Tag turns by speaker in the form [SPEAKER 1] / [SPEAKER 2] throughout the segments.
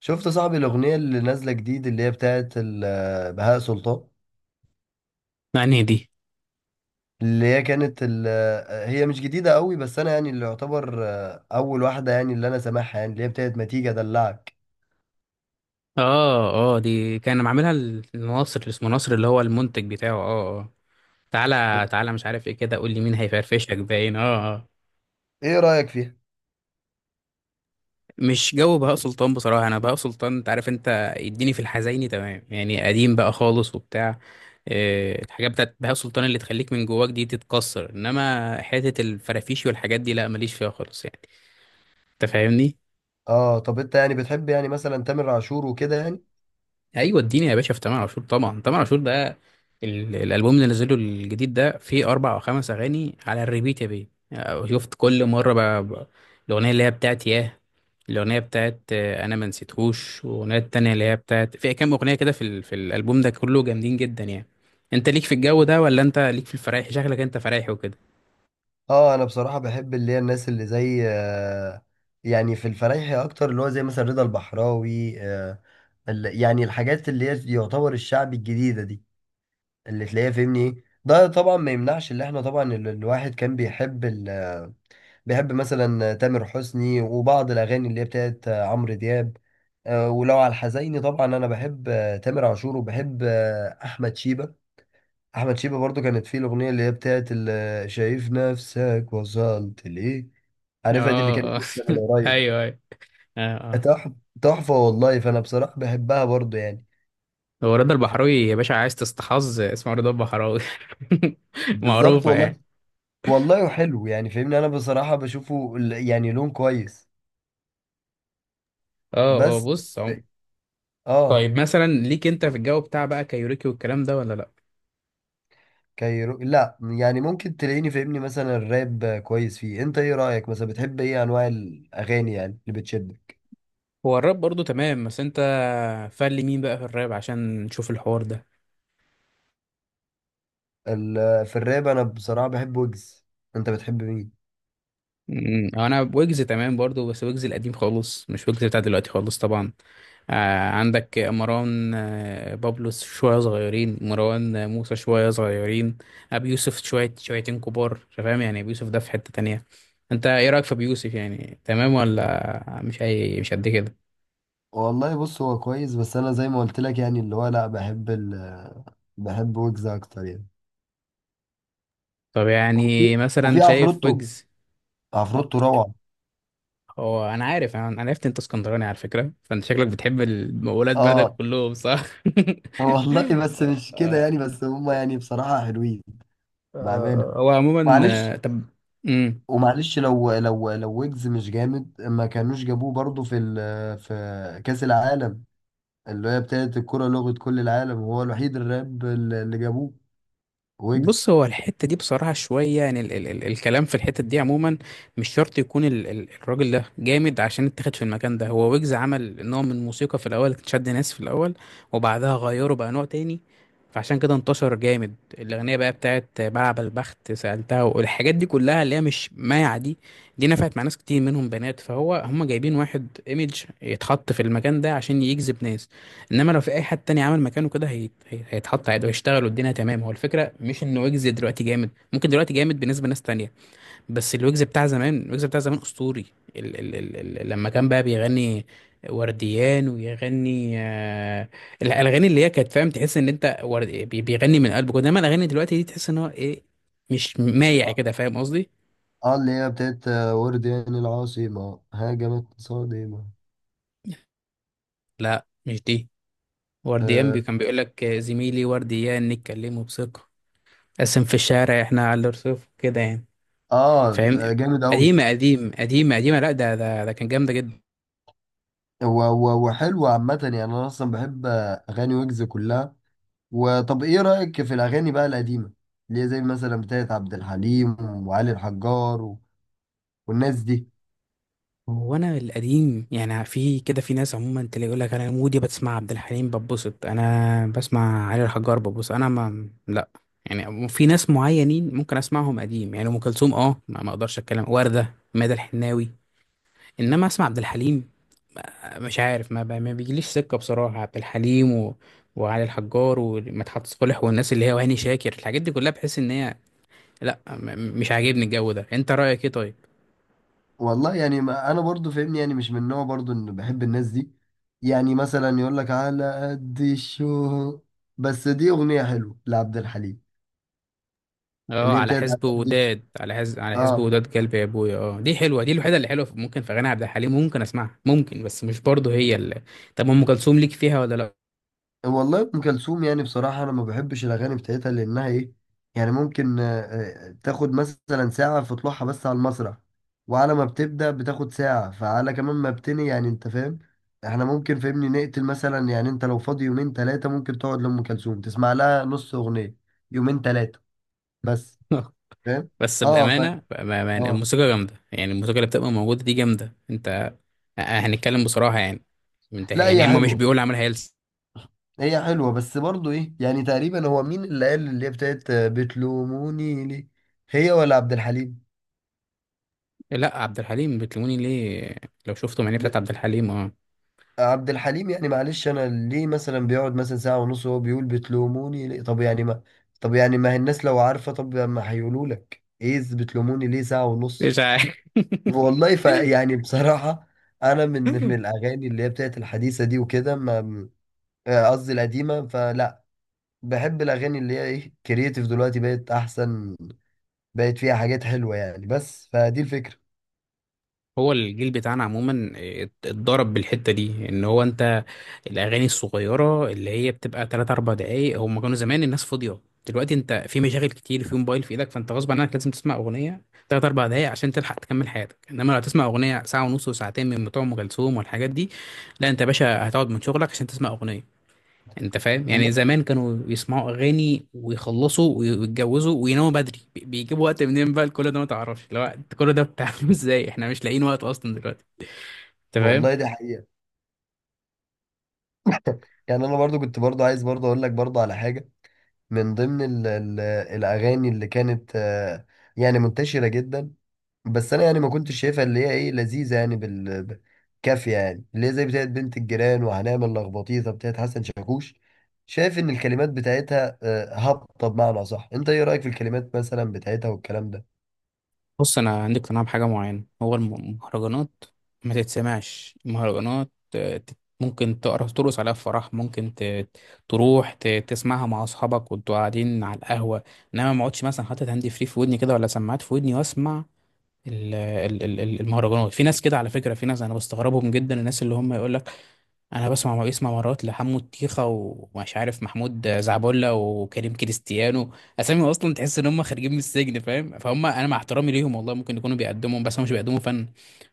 [SPEAKER 1] شفت يا صاحبي الأغنية اللي نازلة جديد اللي هي بتاعت بهاء سلطان.
[SPEAKER 2] مع دي.
[SPEAKER 1] اللي هي كانت ال- هي مش جديدة قوي، بس أنا يعني اللي يعتبر أول واحدة يعني اللي أنا سامعها يعني اللي هي بتاعت ما تيجي أدلعك.
[SPEAKER 2] اه اه، دي كان معاملها الناصر اللي اسمه ناصر اللي هو المنتج بتاعه. اه اه، تعالى تعالى مش عارف ايه كده قول لي مين هيفرفشك باين. اه اه،
[SPEAKER 1] إيه رأيك فيها؟
[SPEAKER 2] مش جو بهاء سلطان بصراحة. انا بهاء سلطان انت عارف، انت اديني في الحزيني تمام يعني قديم بقى خالص وبتاع. الحاجات بتاعت بهاء سلطان اللي تخليك من جواك دي تتكسر، انما حتة الفرافيشي والحاجات دي لا ماليش فيها خالص يعني. انت فاهمني؟
[SPEAKER 1] آه طب أنت يعني بتحب يعني مثلا تامر عاشور وكده يعني؟
[SPEAKER 2] ايوه اديني يا باشا في تامر عاشور. طبعا تامر عاشور ده الالبوم اللي نزله الجديد ده فيه اربع او خمس اغاني على الريبيت يا بيه. يعني شفت؟ كل مره بقى الاغنيه اللي هي بتاعت ياه، الاغنيه بتاعت انا ما نسيتهوش، والاغنيه التانيه اللي هي بتاعت في كام اغنيه كده في في الالبوم ده كله جامدين جدا يعني. انت ليك في الجو ده ولا انت ليك في الفرايح؟ شكلك انت فرايحي وكده.
[SPEAKER 1] آه أنا بصراحة بحب اللي هي الناس اللي زي يعني في الفرايحي أكتر اللي هو زي مثلا رضا البحراوي. يعني الحاجات اللي هي يعتبر الشعب الجديدة دي اللي تلاقيها، فهمني ايه. ده طبعا ما يمنعش اللي احنا طبعا الواحد كان بيحب بيحب مثلا تامر حسني وبعض الاغاني اللي هي بتاعت عمرو دياب. ولو على الحزيني طبعا انا بحب تامر عاشور وبحب احمد شيبة. احمد شيبة برضو كانت فيه الاغنيه اللي هي بتاعت شايف نفسك وصلت ليه. عارفها دي، اللي
[SPEAKER 2] اه
[SPEAKER 1] كانت
[SPEAKER 2] اه.
[SPEAKER 1] لسه من قريب.
[SPEAKER 2] ايوه ايوه. اه اه.
[SPEAKER 1] تحفه. تحفه والله، فانا بصراحه بحبها برضو يعني.
[SPEAKER 2] هو رضا البحراوي يا باشا عايز تستحظ اسمه رضا البحراوي.
[SPEAKER 1] بالظبط
[SPEAKER 2] معروفه يعني.
[SPEAKER 1] والله. والله حلو يعني، فاهمني، انا بصراحة بشوفه يعني لون كويس.
[SPEAKER 2] اه اه.
[SPEAKER 1] بس. اه.
[SPEAKER 2] طيب مثلا ليك انت في الجو بتاع بقى كايوريكي والكلام ده ولا لا؟
[SPEAKER 1] كايرو لا، يعني ممكن تلاقيني فاهمني مثلا الراب كويس فيه. انت ايه رأيك، مثلا بتحب ايه انواع الاغاني يعني اللي بتشدك؟
[SPEAKER 2] هو الراب برضو تمام بس انت فل مين بقى في الراب عشان نشوف الحوار ده؟
[SPEAKER 1] في الراب انا بصراحة بحب ويجز. انت بتحب مين؟
[SPEAKER 2] انا ويجز تمام برضو، بس ويجز القديم خالص مش ويجز بتاع دلوقتي خالص طبعا. آه، عندك مروان، آه بابلو شوية صغيرين، مروان، موسى شوية صغيرين. أبي يوسف شوية شويتين كبار. أنت فاهم يعني؟ أبي يوسف ده في حتة تانية. أنت إيه رأيك في أبي يوسف؟ يعني تمام ولا مش أي مش قد كده؟
[SPEAKER 1] والله بص، هو كويس بس انا زي ما قلت لك يعني اللي هو لا، بحب بحب ويجز اكتر يعني.
[SPEAKER 2] طب
[SPEAKER 1] وفي
[SPEAKER 2] يعني مثلا
[SPEAKER 1] وفي
[SPEAKER 2] شايف
[SPEAKER 1] عفروتو.
[SPEAKER 2] ويجز؟ ما-
[SPEAKER 1] عفروتو روعة.
[SPEAKER 2] هو انا عارف، انا أنا عرفت انت اسكندراني على فكره، فانت شكلك بتحب ولاد بلدك
[SPEAKER 1] اه
[SPEAKER 2] كلهم صح.
[SPEAKER 1] والله، بس مش كده
[SPEAKER 2] آه،.
[SPEAKER 1] يعني، بس هما يعني بصراحة حلوين، بأمانة.
[SPEAKER 2] هو عموما
[SPEAKER 1] معلش.
[SPEAKER 2] طب. مم.
[SPEAKER 1] ومعلش، لو ويجز مش جامد ما كانوش جابوه برضه في في كأس العالم، اللي هي بتاعت الكرة لغة كل العالم. هو الوحيد الراب اللي جابوه، ويجز.
[SPEAKER 2] بص هو الحتة دي بصراحة شوية يعني، ال الكلام في الحتة دي عموما مش شرط يكون ال الراجل ده جامد عشان اتخذ في المكان ده. هو ويجز عمل نوع من موسيقى في الأول كانت شد ناس في الأول، وبعدها غيره بقى نوع تاني. فعشان كده انتشر جامد. الأغنية بقى بتاعت بلعب البخت سألتها والحاجات دي كلها اللي هي مش مايعة دي، دي نفعت مع ناس كتير منهم بنات، فهو هم جايبين واحد ايميج يتحط في المكان ده عشان يجذب ناس. انما لو في اي حد تاني عمل مكانه كده هيتحط عادي وهيشتغل والدنيا تمام. هو الفكره مش ان ويجز دلوقتي جامد، ممكن دلوقتي جامد بالنسبه لناس تانية، بس الويجز بتاع زمان، الويجز بتاع زمان اسطوري. لما كان بقى بيغني ورديان ويغني الاغاني اللي هي كانت، فاهم، تحس ان انت بيغني من قلبك، انما الاغاني دلوقتي دي تحس ان هو ايه، مش مايع
[SPEAKER 1] اه.
[SPEAKER 2] كده. فاهم قصدي؟
[SPEAKER 1] اللي هي بتاعت ورديان، العاصمة هاجمت صادمة.
[SPEAKER 2] لا مش دي.
[SPEAKER 1] اه.
[SPEAKER 2] كان بيقول لك زميلي ورديان نتكلموا بثقه، قسم في الشارع احنا على الرصيف كده يعني. فاهمني؟
[SPEAKER 1] جامد أوي.
[SPEAKER 2] قديمه قديم، قديمه لا ده ده كان جامده جدا.
[SPEAKER 1] و- و- وحلو عامة يعني. أنا أصلا بحب أغاني ويجز كلها. وطب إيه رأيك في الأغاني بقى القديمة؟ اللي هي زي مثلا بتاعت عبد الحليم وعلي الحجار والناس دي.
[SPEAKER 2] هو انا القديم يعني في كده، في ناس عموما تلاقي يقول لك انا مودي بتسمع عبد الحليم ببسط، انا بسمع علي الحجار ببسط، انا ما لا. يعني في ناس معينين ممكن اسمعهم قديم، يعني ام كلثوم اه ما اقدرش اتكلم، ورده، ماذا الحناوي. انما اسمع عبد الحليم، مش عارف ما, ما بيجيليش سكه بصراحه عبد الحليم و... وعلي الحجار ومدحت صالح والناس اللي هي وهاني شاكر، الحاجات دي كلها بحس ان هي لا، مش عاجبني الجو ده. انت رأيك ايه طيب؟
[SPEAKER 1] والله يعني، ما انا برضو فاهمني، يعني مش من نوع برضو ان بحب الناس دي. يعني مثلا يقول لك على قد الشو. بس دي اغنيه حلوه لعبد الحليم،
[SPEAKER 2] اه
[SPEAKER 1] اللي هي
[SPEAKER 2] على
[SPEAKER 1] بتاعت على
[SPEAKER 2] حزب
[SPEAKER 1] قد الشو.
[SPEAKER 2] وداد، على حزب
[SPEAKER 1] اه.
[SPEAKER 2] وداد كلب يا ابويا، اه دي حلوه، دي الوحيده اللي حلوه ممكن في غنى عبد الحليم ممكن اسمعها، ممكن، بس مش برضه هي اللي. طب ام كلثوم ليك فيها ولا؟
[SPEAKER 1] والله ام كلثوم يعني، بصراحه انا ما بحبش الاغاني بتاعتها لانها ايه يعني، ممكن تاخد مثلا ساعه في طلوعها بس على المسرح. وعلى ما بتبدا بتاخد ساعه فعلى كمان ما بتني، يعني انت فاهم. احنا ممكن فهمني نقتل، مثلا يعني انت لو فاضي يومين ثلاثه ممكن تقعد لام كلثوم تسمع لها نص اغنيه. يومين ثلاثه بس.
[SPEAKER 2] لا.
[SPEAKER 1] فاهم.
[SPEAKER 2] بس
[SPEAKER 1] اه.
[SPEAKER 2] بامانه، بامانه
[SPEAKER 1] اه.
[SPEAKER 2] الموسيقى جامده يعني، الموسيقى اللي بتبقى موجوده دي جامده. انت هنتكلم بصراحه يعني، انت
[SPEAKER 1] لا هي
[SPEAKER 2] يعني هم مش
[SPEAKER 1] حلوه.
[SPEAKER 2] بيقول عملها هي؟
[SPEAKER 1] هي حلوه، بس برضو ايه يعني، تقريبا هو مين اللي قال اللي هي بتاعت بتلوموني ليه، هي ولا عبد الحليم؟
[SPEAKER 2] لا، عبد الحليم بتلوموني ليه، لو شفتوا معنيه بتاعت عبد الحليم اه.
[SPEAKER 1] عبد الحليم. يعني معلش، انا ليه مثلا بيقعد مثلا ساعة ونص وهو بيقول بتلوموني ليه؟ طب يعني ما هي الناس لو عارفة، طب ما هيقولوا لك ايه، إز بتلوموني ليه ساعة ونص؟
[SPEAKER 2] مش عارف.
[SPEAKER 1] والله ف يعني بصراحة، انا من الاغاني اللي هي بتاعت الحديثة دي وكده ما قصدي القديمة، فلا. بحب الاغاني اللي هي ايه، كرييتيف دلوقتي بقت احسن، بقت فيها حاجات حلوة يعني. بس فدي الفكرة.
[SPEAKER 2] هو الجيل بتاعنا عموما اتضرب بالحتة دي ان هو انت، الاغاني الصغيرة اللي هي بتبقى 3 4 دقايق، هم كانوا زمان الناس فاضية. دلوقتي انت في مشاغل كتير، في موبايل في ايدك، فانت غصب عنك لازم تسمع اغنية 3 4 دقايق عشان تلحق تكمل حياتك. انما لو تسمع اغنية ساعة ونص وساعتين من بتوع ام كلثوم والحاجات دي، لا انت يا باشا هتقعد من شغلك عشان تسمع اغنية. انت فاهم
[SPEAKER 1] والله.
[SPEAKER 2] يعني؟ زمان كانوا يسمعوا اغاني ويخلصوا ويتجوزوا ويناموا بدري، بيجيبوا وقت منين بقى لكل ده؟ ما تعرفش لو انت كل ده بتعمله. ازاي احنا مش لاقيين وقت اصلا دلوقتي؟ انت فاهم؟
[SPEAKER 1] والله دي حقيقة. يعني انا برضو كنت برضو عايز برضو اقول لك برضو على حاجة. من ضمن ال الأغاني اللي كانت يعني منتشرة جدا، بس أنا يعني ما كنتش شايفها اللي هي إيه، لذيذة يعني كافية، يعني اللي هي زي بتاعت بنت الجيران وهنعمل لخبطيطة بتاعت حسن شاكوش. شايف إن الكلمات بتاعتها هابطة بمعنى صح؟ أنت إيه رأيك في الكلمات مثلا بتاعتها والكلام ده؟
[SPEAKER 2] بص انا عندي اقتناع بحاجه معينه. هو المهرجانات ما تتسمعش المهرجانات. ممكن تقرا ترقص عليها في فرح، ممكن تروح تسمعها مع اصحابك وانتوا قاعدين على القهوه، انما ما اقعدش مثلا حاطط هاند فري في ودني كده، ولا سماعات في ودني واسمع المهرجانات. في ناس كده على فكرة، في ناس انا بستغربهم جدا، الناس اللي هم يقول لك انا بسمع مرات لحمو الطيخة ومش عارف محمود زعبولة وكريم كريستيانو. اسامي اصلا تحس ان هم خارجين من السجن، فاهم؟ فهم انا مع احترامي ليهم والله ممكن يكونوا بيقدموا، بس هم مش بيقدموا فن.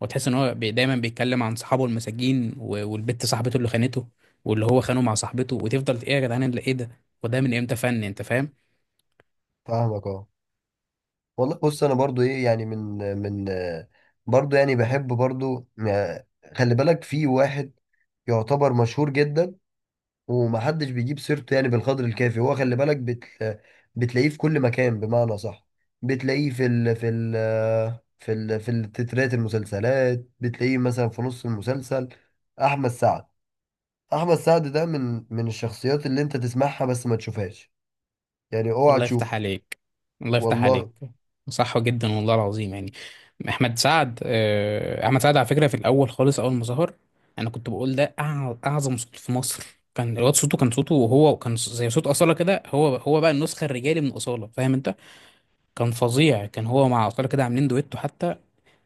[SPEAKER 2] وتحس ان هو دايما بيتكلم عن صحابه المساجين، والبت صاحبته اللي خانته واللي هو خانه مع صاحبته، وتفضل ايه يا جدعان اللي ايه ده؟ وده من امتى فن؟ انت فاهم؟
[SPEAKER 1] فاهمك أه. والله بص، أنا برضو إيه يعني، من من آه، برضو يعني بحب برضو خلي بالك في واحد يعتبر مشهور جدا ومحدش بيجيب سيرته يعني بالقدر الكافي. هو خلي بالك بتلاقيه في كل مكان بمعنى صح. بتلاقيه في في التترات المسلسلات، بتلاقيه مثلا في نص المسلسل. احمد سعد. احمد سعد ده من الشخصيات اللي انت تسمعها بس ما تشوفهاش، يعني اوعى
[SPEAKER 2] الله يفتح
[SPEAKER 1] تشوفه.
[SPEAKER 2] عليك، الله يفتح عليك.
[SPEAKER 1] والله
[SPEAKER 2] صح جدا والله العظيم يعني. احمد سعد، احمد سعد على فكره في الاول خالص، اول ما ظهر انا كنت بقول ده اعظم صوت في مصر. كان الواد صوته، كان صوته وهو كان زي صوت اصاله كده، هو بقى النسخه الرجالي من اصاله. فاهم انت؟ كان فظيع، كان هو مع اصاله كده عاملين دويتو حتى.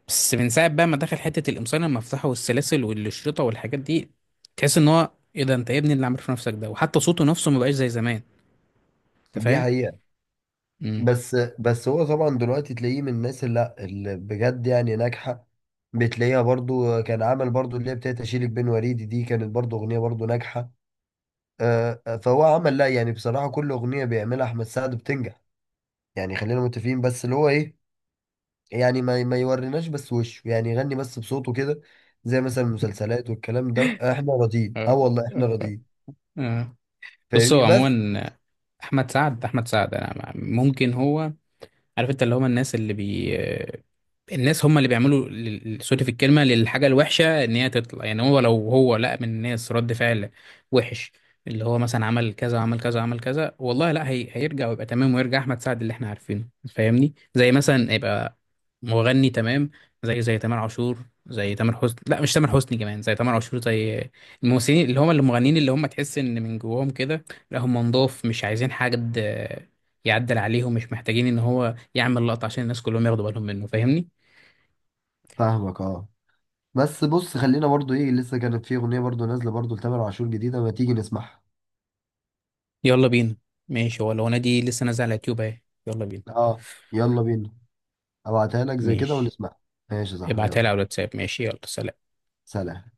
[SPEAKER 2] بس من ساعه بقى ما دخل حته القمصان المفتاحه والسلاسل والشريطه والحاجات دي، تحس ان هو ايه ده؟ انت يا ابني اللي عامل في نفسك ده! وحتى صوته نفسه ما بقاش زي زمان. انت
[SPEAKER 1] دي
[SPEAKER 2] فاهم؟
[SPEAKER 1] حقيقة. بس هو طبعا دلوقتي تلاقيه من الناس اللي لا، اللي بجد يعني ناجحة. بتلاقيها برضو، كان عمل برضو اللي هي بتاعت اشيلك بين وريدي، دي كانت برضو اغنية برضو ناجحة. فهو عمل لا، يعني بصراحة كل أغنية بيعملها أحمد سعد بتنجح يعني. خلينا متفقين، بس اللي هو إيه يعني، ما يوريناش بس وشه يعني، يغني بس بصوته كده، زي مثلا المسلسلات والكلام ده. إحنا راضيين أه،
[SPEAKER 2] امم
[SPEAKER 1] والله إحنا راضيين.
[SPEAKER 2] آه. بص
[SPEAKER 1] فاهمني
[SPEAKER 2] هو
[SPEAKER 1] بس.
[SPEAKER 2] عموما احمد سعد، احمد سعد، انا ممكن هو عارف انت اللي هم الناس اللي بي، الناس هم اللي بيعملوا سوري في الكلمه، للحاجه الوحشه ان هي تطلع. يعني هو لو هو لقى من الناس رد فعل وحش، اللي هو مثلا عمل كذا عمل كذا عمل كذا، والله لا هي، هيرجع ويبقى تمام ويرجع احمد سعد اللي احنا عارفينه. فاهمني؟ زي مثلا يبقى مغني تمام، زي تامر عاشور، زي تامر حسني، لا مش تامر حسني كمان، زي تامر عاشور، زي الممثلين اللي هم المغنيين اللي هم تحس ان من جواهم كده لا هم نضاف، مش عايزين حاجه يعدل عليهم، مش محتاجين ان هو يعمل لقطه عشان الناس كلهم ياخدوا بالهم منه. فاهمني؟
[SPEAKER 1] فاهمك أه. بس بص خلينا برضو إيه، لسه كانت في أغنية برضو نازلة برضو لتامر عاشور جديدة، ما تيجي نسمعها؟
[SPEAKER 2] يلا بينا. ماشي، هو لو انا دي لسه نازله على اليوتيوب اهي، يلا بينا.
[SPEAKER 1] أه. يلا بينا. أبعتها لك زي كده
[SPEAKER 2] ماشي،
[SPEAKER 1] ونسمعها. ماشي يا صاحبي،
[SPEAKER 2] ابعتها
[SPEAKER 1] يلا.
[SPEAKER 2] لي على الواتساب. ماشي، يلا سلام.
[SPEAKER 1] سلام.